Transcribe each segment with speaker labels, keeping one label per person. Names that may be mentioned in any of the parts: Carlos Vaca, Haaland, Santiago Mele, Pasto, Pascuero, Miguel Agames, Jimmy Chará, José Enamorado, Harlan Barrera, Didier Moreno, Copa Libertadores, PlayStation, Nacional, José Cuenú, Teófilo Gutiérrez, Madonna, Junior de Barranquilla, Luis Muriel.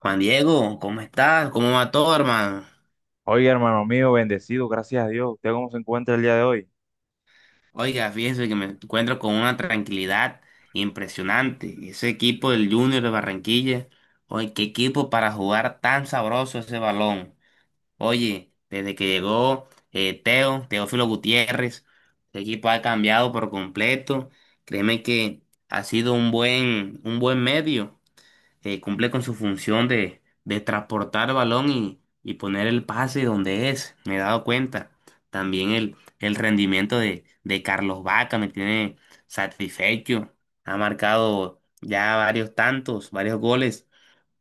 Speaker 1: Juan Diego, ¿cómo estás? ¿Cómo va todo, hermano?
Speaker 2: Oiga, hermano mío, bendecido, gracias a Dios. ¿Usted cómo se encuentra el día de hoy?
Speaker 1: Oiga, fíjese que me encuentro con una tranquilidad impresionante. Ese equipo del Junior de Barranquilla, oye, qué equipo para jugar tan sabroso ese balón. Oye, desde que llegó Teo, Teófilo Gutiérrez, el equipo ha cambiado por completo. Créeme que ha sido un buen medio. Cumple con su función de transportar balón y poner el pase donde es, me he dado cuenta. También el rendimiento de Carlos Vaca me tiene satisfecho. Ha marcado ya varios tantos, varios goles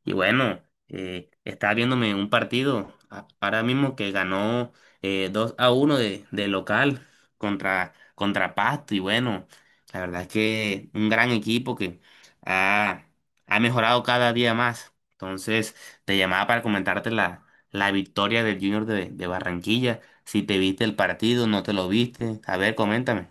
Speaker 1: y bueno, estaba viéndome un partido ahora mismo que ganó 2 a uno de local contra Pasto. Y bueno, la verdad es que un gran equipo que ha, ha mejorado cada día más. Entonces, te llamaba para comentarte la victoria del Junior de Barranquilla. Si te viste el partido, no te lo viste. A ver, coméntame.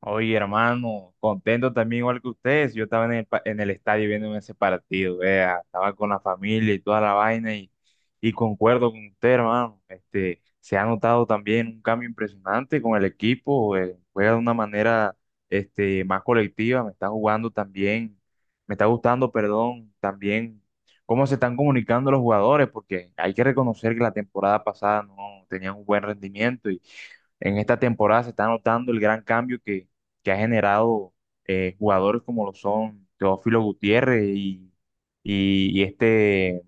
Speaker 2: Oye, hermano, contento también igual que ustedes. Yo estaba en el, en el estadio viendo ese partido, vea, estaba con la familia y toda la vaina y concuerdo con usted, hermano. Este, se ha notado también un cambio impresionante con el equipo, juega de una manera este, más colectiva, me está jugando también, me está gustando, perdón, también cómo se están comunicando los jugadores, porque hay que reconocer que la temporada pasada no tenían un buen rendimiento en esta temporada se está notando el gran cambio que ha generado jugadores como lo son Teófilo Gutiérrez y este,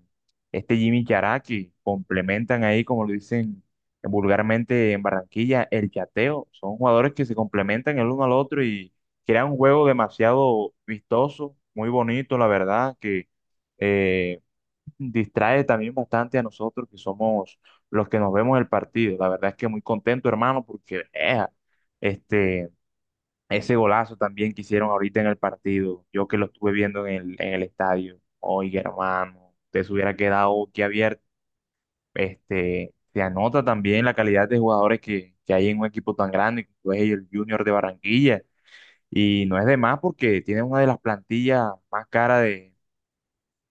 Speaker 2: este Jimmy Chará que complementan ahí, como lo dicen vulgarmente en Barranquilla, el chateo. Son jugadores que se complementan el uno al otro y crean un juego demasiado vistoso, muy bonito, la verdad, que eh, distrae también bastante a nosotros que somos los que nos vemos el partido. La verdad es que muy contento, hermano, porque este, ese golazo también que hicieron ahorita en el partido, yo que lo estuve viendo en el estadio, oiga, hermano, te se hubiera quedado aquí abierto. Este, se anota también la calidad de jugadores que hay en un equipo tan grande como es el Junior de Barranquilla. Y no es de más porque tiene una de las plantillas más caras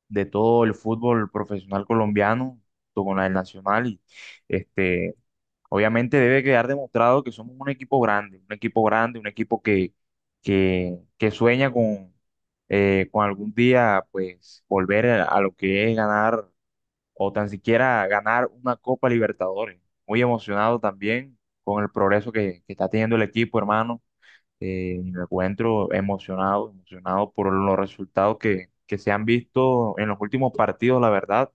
Speaker 2: de todo el fútbol profesional colombiano, junto con la del Nacional. Y este, obviamente debe quedar demostrado que somos un equipo grande, un equipo grande, un equipo que sueña con algún día pues volver a lo que es ganar o tan siquiera ganar una Copa Libertadores. Muy emocionado también con el progreso que está teniendo el equipo, hermano. Me encuentro emocionado, emocionado por los resultados que se han visto en los últimos partidos, la verdad,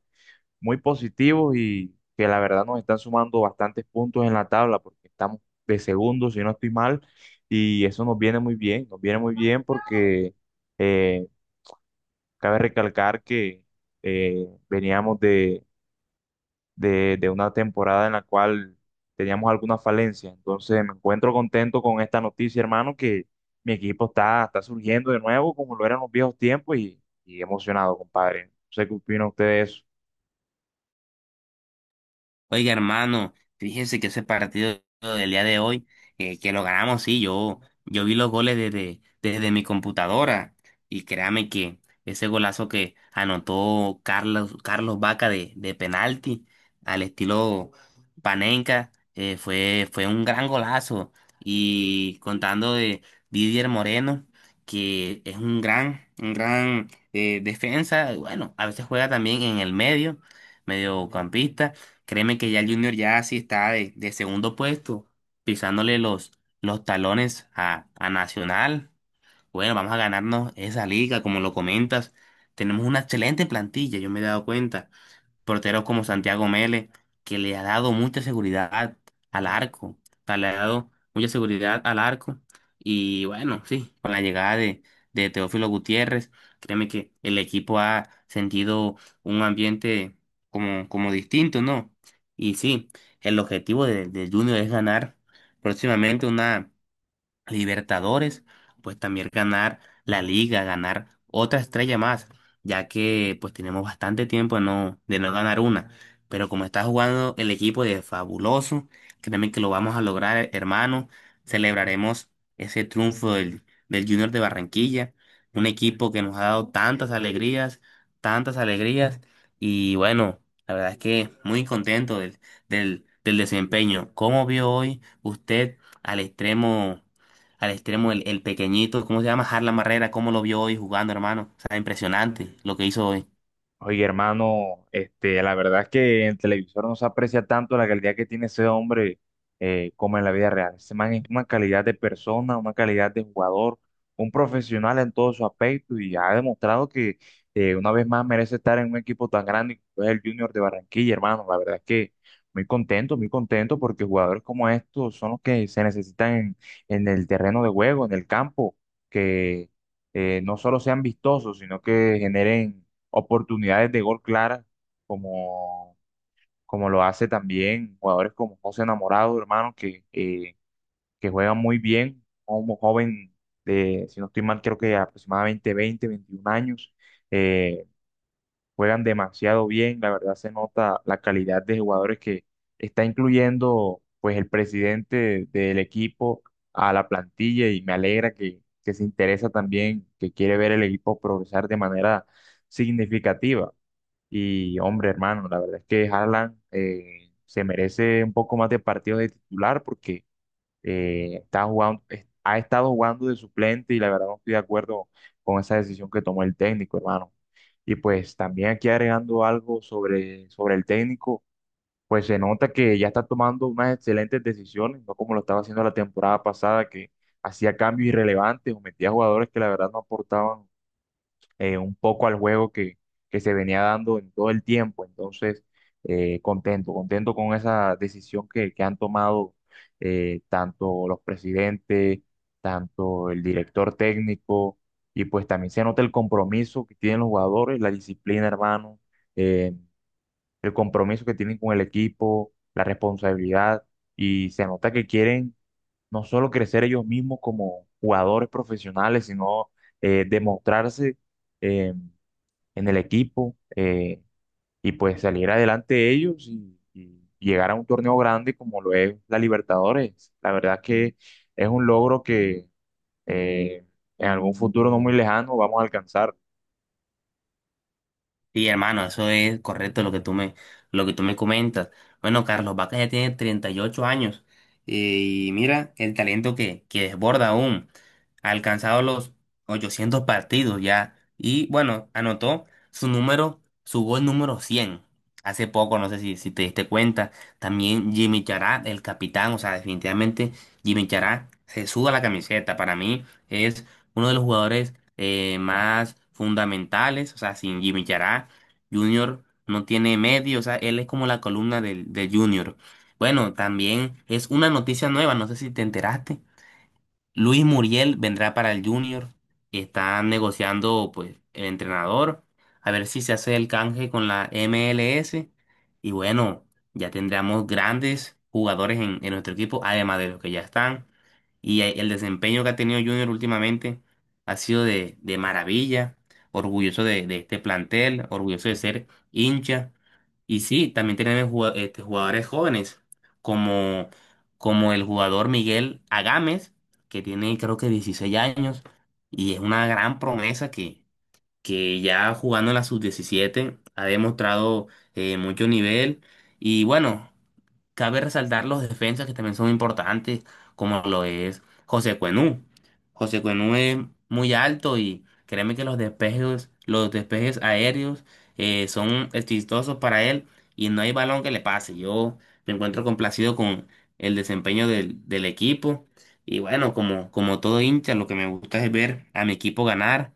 Speaker 2: muy positivos y que la verdad nos están sumando bastantes puntos en la tabla porque estamos de segundo, si no estoy mal, y eso nos viene muy bien, nos viene muy bien porque eh, cabe recalcar que veníamos de de una temporada en la cual teníamos alguna falencia. Entonces me encuentro contento con esta noticia, hermano, que mi equipo está, está surgiendo de nuevo como lo eran los viejos tiempos y emocionado, compadre. No sé qué opina usted de eso.
Speaker 1: Oiga, hermano, fíjese que ese partido del día de hoy, que lo ganamos, sí, yo vi los goles desde mi computadora y créame que ese golazo que anotó Carlos Vaca de penalti al estilo Panenka, fue un gran golazo y contando de Didier Moreno, que es un gran defensa, bueno, a veces juega también en el medio, mediocampista. Créeme que ya el Junior ya sí está de segundo puesto, pisándole los talones a Nacional. Bueno, vamos a ganarnos esa liga, como lo comentas. Tenemos una excelente plantilla, yo me he dado cuenta, porteros como Santiago Mele, que le ha dado mucha seguridad al arco, o sea, le ha dado mucha seguridad al arco. Y bueno, sí, con la llegada de Teófilo Gutiérrez, créeme que el equipo ha sentido un ambiente como distinto, ¿no? Y sí, el objetivo de Junior es ganar próximamente una Libertadores, pues también ganar la liga, ganar otra estrella más, ya que pues tenemos bastante tiempo de no ganar una. Pero como está jugando el equipo de Fabuloso, créeme que lo vamos a lograr, hermano. Celebraremos ese triunfo del Junior de Barranquilla, un equipo que nos ha dado tantas alegrías, tantas alegrías. Y bueno, la verdad es que muy contento del desempeño. ¿Cómo vio hoy usted al extremo? Al extremo, el pequeñito, ¿cómo se llama? Harlan Barrera, cómo lo vio hoy jugando, hermano. O sea, impresionante lo que hizo hoy.
Speaker 2: Oye, hermano, este, la verdad es que en televisor no se aprecia tanto la calidad que tiene ese hombre como en la vida real. Ese man es una calidad de persona, una calidad de jugador, un profesional en todo su aspecto y ha demostrado que una vez más merece estar en un equipo tan grande como es el Junior de Barranquilla, hermano. La verdad es que muy contento porque jugadores como estos son los que se necesitan en el terreno de juego, en el campo, que no solo sean vistosos, sino que generen oportunidades de gol claras, como, como lo hace también jugadores como José Enamorado, hermano, que juegan muy bien, como joven de, si no estoy mal, creo que aproximadamente 20 21 años, eh, juegan demasiado bien, la verdad se nota la calidad de jugadores que está incluyendo pues el presidente del equipo a la plantilla y me alegra que se interesa también, que quiere ver el equipo progresar de manera significativa. Y hombre, hermano, la verdad es que Haaland se merece un poco más de partidos de titular porque está jugando, ha estado jugando de suplente y la verdad no estoy de acuerdo con esa decisión que tomó el técnico, hermano. Y pues también aquí agregando algo sobre el técnico, pues se nota que ya está tomando unas excelentes decisiones, no como lo estaba haciendo la temporada pasada, que hacía cambios irrelevantes o metía jugadores que la verdad no aportaban un poco al juego que se venía dando en todo el tiempo. Entonces, contento, contento con esa decisión que han tomado tanto los presidentes, tanto el director técnico, y pues también se nota el compromiso que tienen los jugadores, la disciplina, hermano, eh, el compromiso que tienen con el equipo, la responsabilidad, y se nota que quieren no solo crecer ellos mismos como jugadores profesionales, sino demostrarse. eh, en el equipo y pues salir adelante ellos y llegar a un torneo grande como lo es la Libertadores. La verdad que es un logro que eh, en algún futuro no muy lejano vamos a alcanzar.
Speaker 1: Sí, hermano, eso es correcto lo que lo que tú me comentas. Bueno, Carlos Vaca ya tiene 38 años, eh, y mira el talento que desborda aún. Ha alcanzado los 800 partidos ya y bueno, anotó su número, su gol número 100 hace poco, no sé si te diste cuenta. También Jimmy Chará, el capitán, o sea, definitivamente Jimmy Chará se suda la camiseta. Para mí es uno de los jugadores más fundamentales, o sea, sin Jimmy Chará Junior no tiene medio, o sea, él es como la columna del Junior. Bueno, también es una noticia nueva, no sé si te enteraste, Luis Muriel vendrá para el Junior. Están negociando, pues, el entrenador. A ver si se hace el canje con la MLS. Y bueno, ya tendremos grandes jugadores en nuestro equipo, además de los que ya están. El desempeño que ha tenido Junior últimamente ha sido de maravilla. Orgulloso de este plantel, orgulloso de ser hincha. Y sí, también tenemos jugadores jóvenes, como, como el jugador Miguel Agames, que tiene creo que 16 años y es una gran promesa que ya jugando en la sub-17 ha demostrado mucho nivel y bueno. Cabe resaltar los defensas que también son importantes, como lo es José Cuenú. José Cuenú es muy alto y créeme que los despejes aéreos son exitosos para él y no hay balón que le pase. Yo me encuentro complacido con el desempeño del equipo y bueno, como, como todo hincha, lo que me gusta es ver a mi equipo ganar.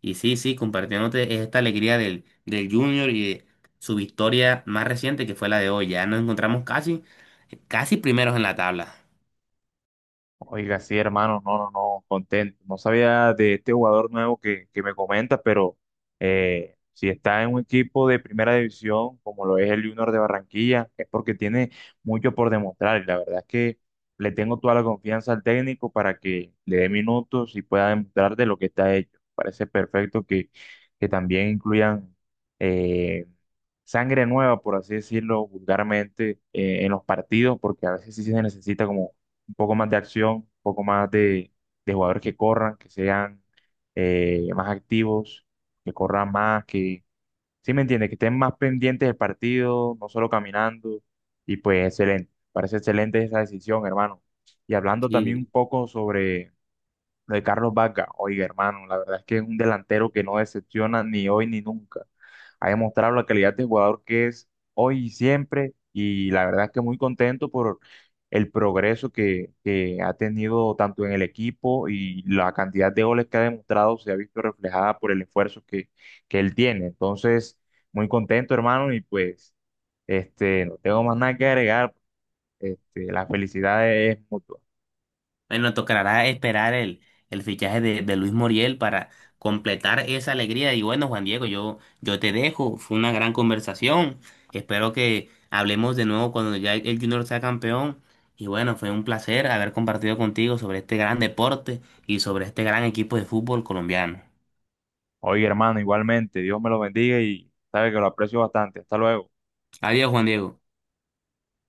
Speaker 1: Y sí, sí, compartiéndote esta alegría del Junior y de su victoria más reciente, que fue la de hoy. Ya nos encontramos casi, casi primeros en la tabla.
Speaker 2: Oiga, sí, hermano, no, no, no, contento. No sabía de este jugador nuevo que me comenta pero si está en un equipo de primera división, como lo es el Junior de Barranquilla, es porque tiene mucho por demostrar. Y la verdad es que le tengo toda la confianza al técnico para que le dé minutos y pueda demostrar de lo que está hecho. Parece perfecto que también incluyan eh, sangre nueva, por así decirlo vulgarmente, en los partidos, porque a veces sí se necesita como un poco más de acción, un poco más de jugadores que corran, que sean más activos, que corran más, que, ¿sí me entiende? Que estén más pendientes del partido, no solo caminando. Y pues excelente, parece excelente esa decisión, hermano. Y hablando también un
Speaker 1: Sí.
Speaker 2: poco sobre lo de Carlos Vaca, oiga, hermano, la verdad es que es un delantero que no decepciona ni hoy ni nunca. Ha demostrado la calidad de jugador que es hoy y siempre, y la verdad es que muy contento por el progreso que ha tenido tanto en el equipo y la cantidad de goles que ha demostrado se ha visto reflejada por el esfuerzo que él tiene. Entonces, muy contento, hermano, y pues, este, no tengo más nada que agregar. Este, la felicidad es mutua.
Speaker 1: Bueno, tocará esperar el fichaje de Luis Muriel para completar esa alegría. Y bueno, Juan Diego, yo te dejo. Fue una gran conversación. Espero que hablemos de nuevo cuando ya el Junior sea campeón. Y bueno, fue un placer haber compartido contigo sobre este gran deporte y sobre este gran equipo de fútbol colombiano.
Speaker 2: Oye, hermano, igualmente, Dios me lo bendiga y sabe que lo aprecio bastante. Hasta luego.
Speaker 1: Adiós, Juan Diego.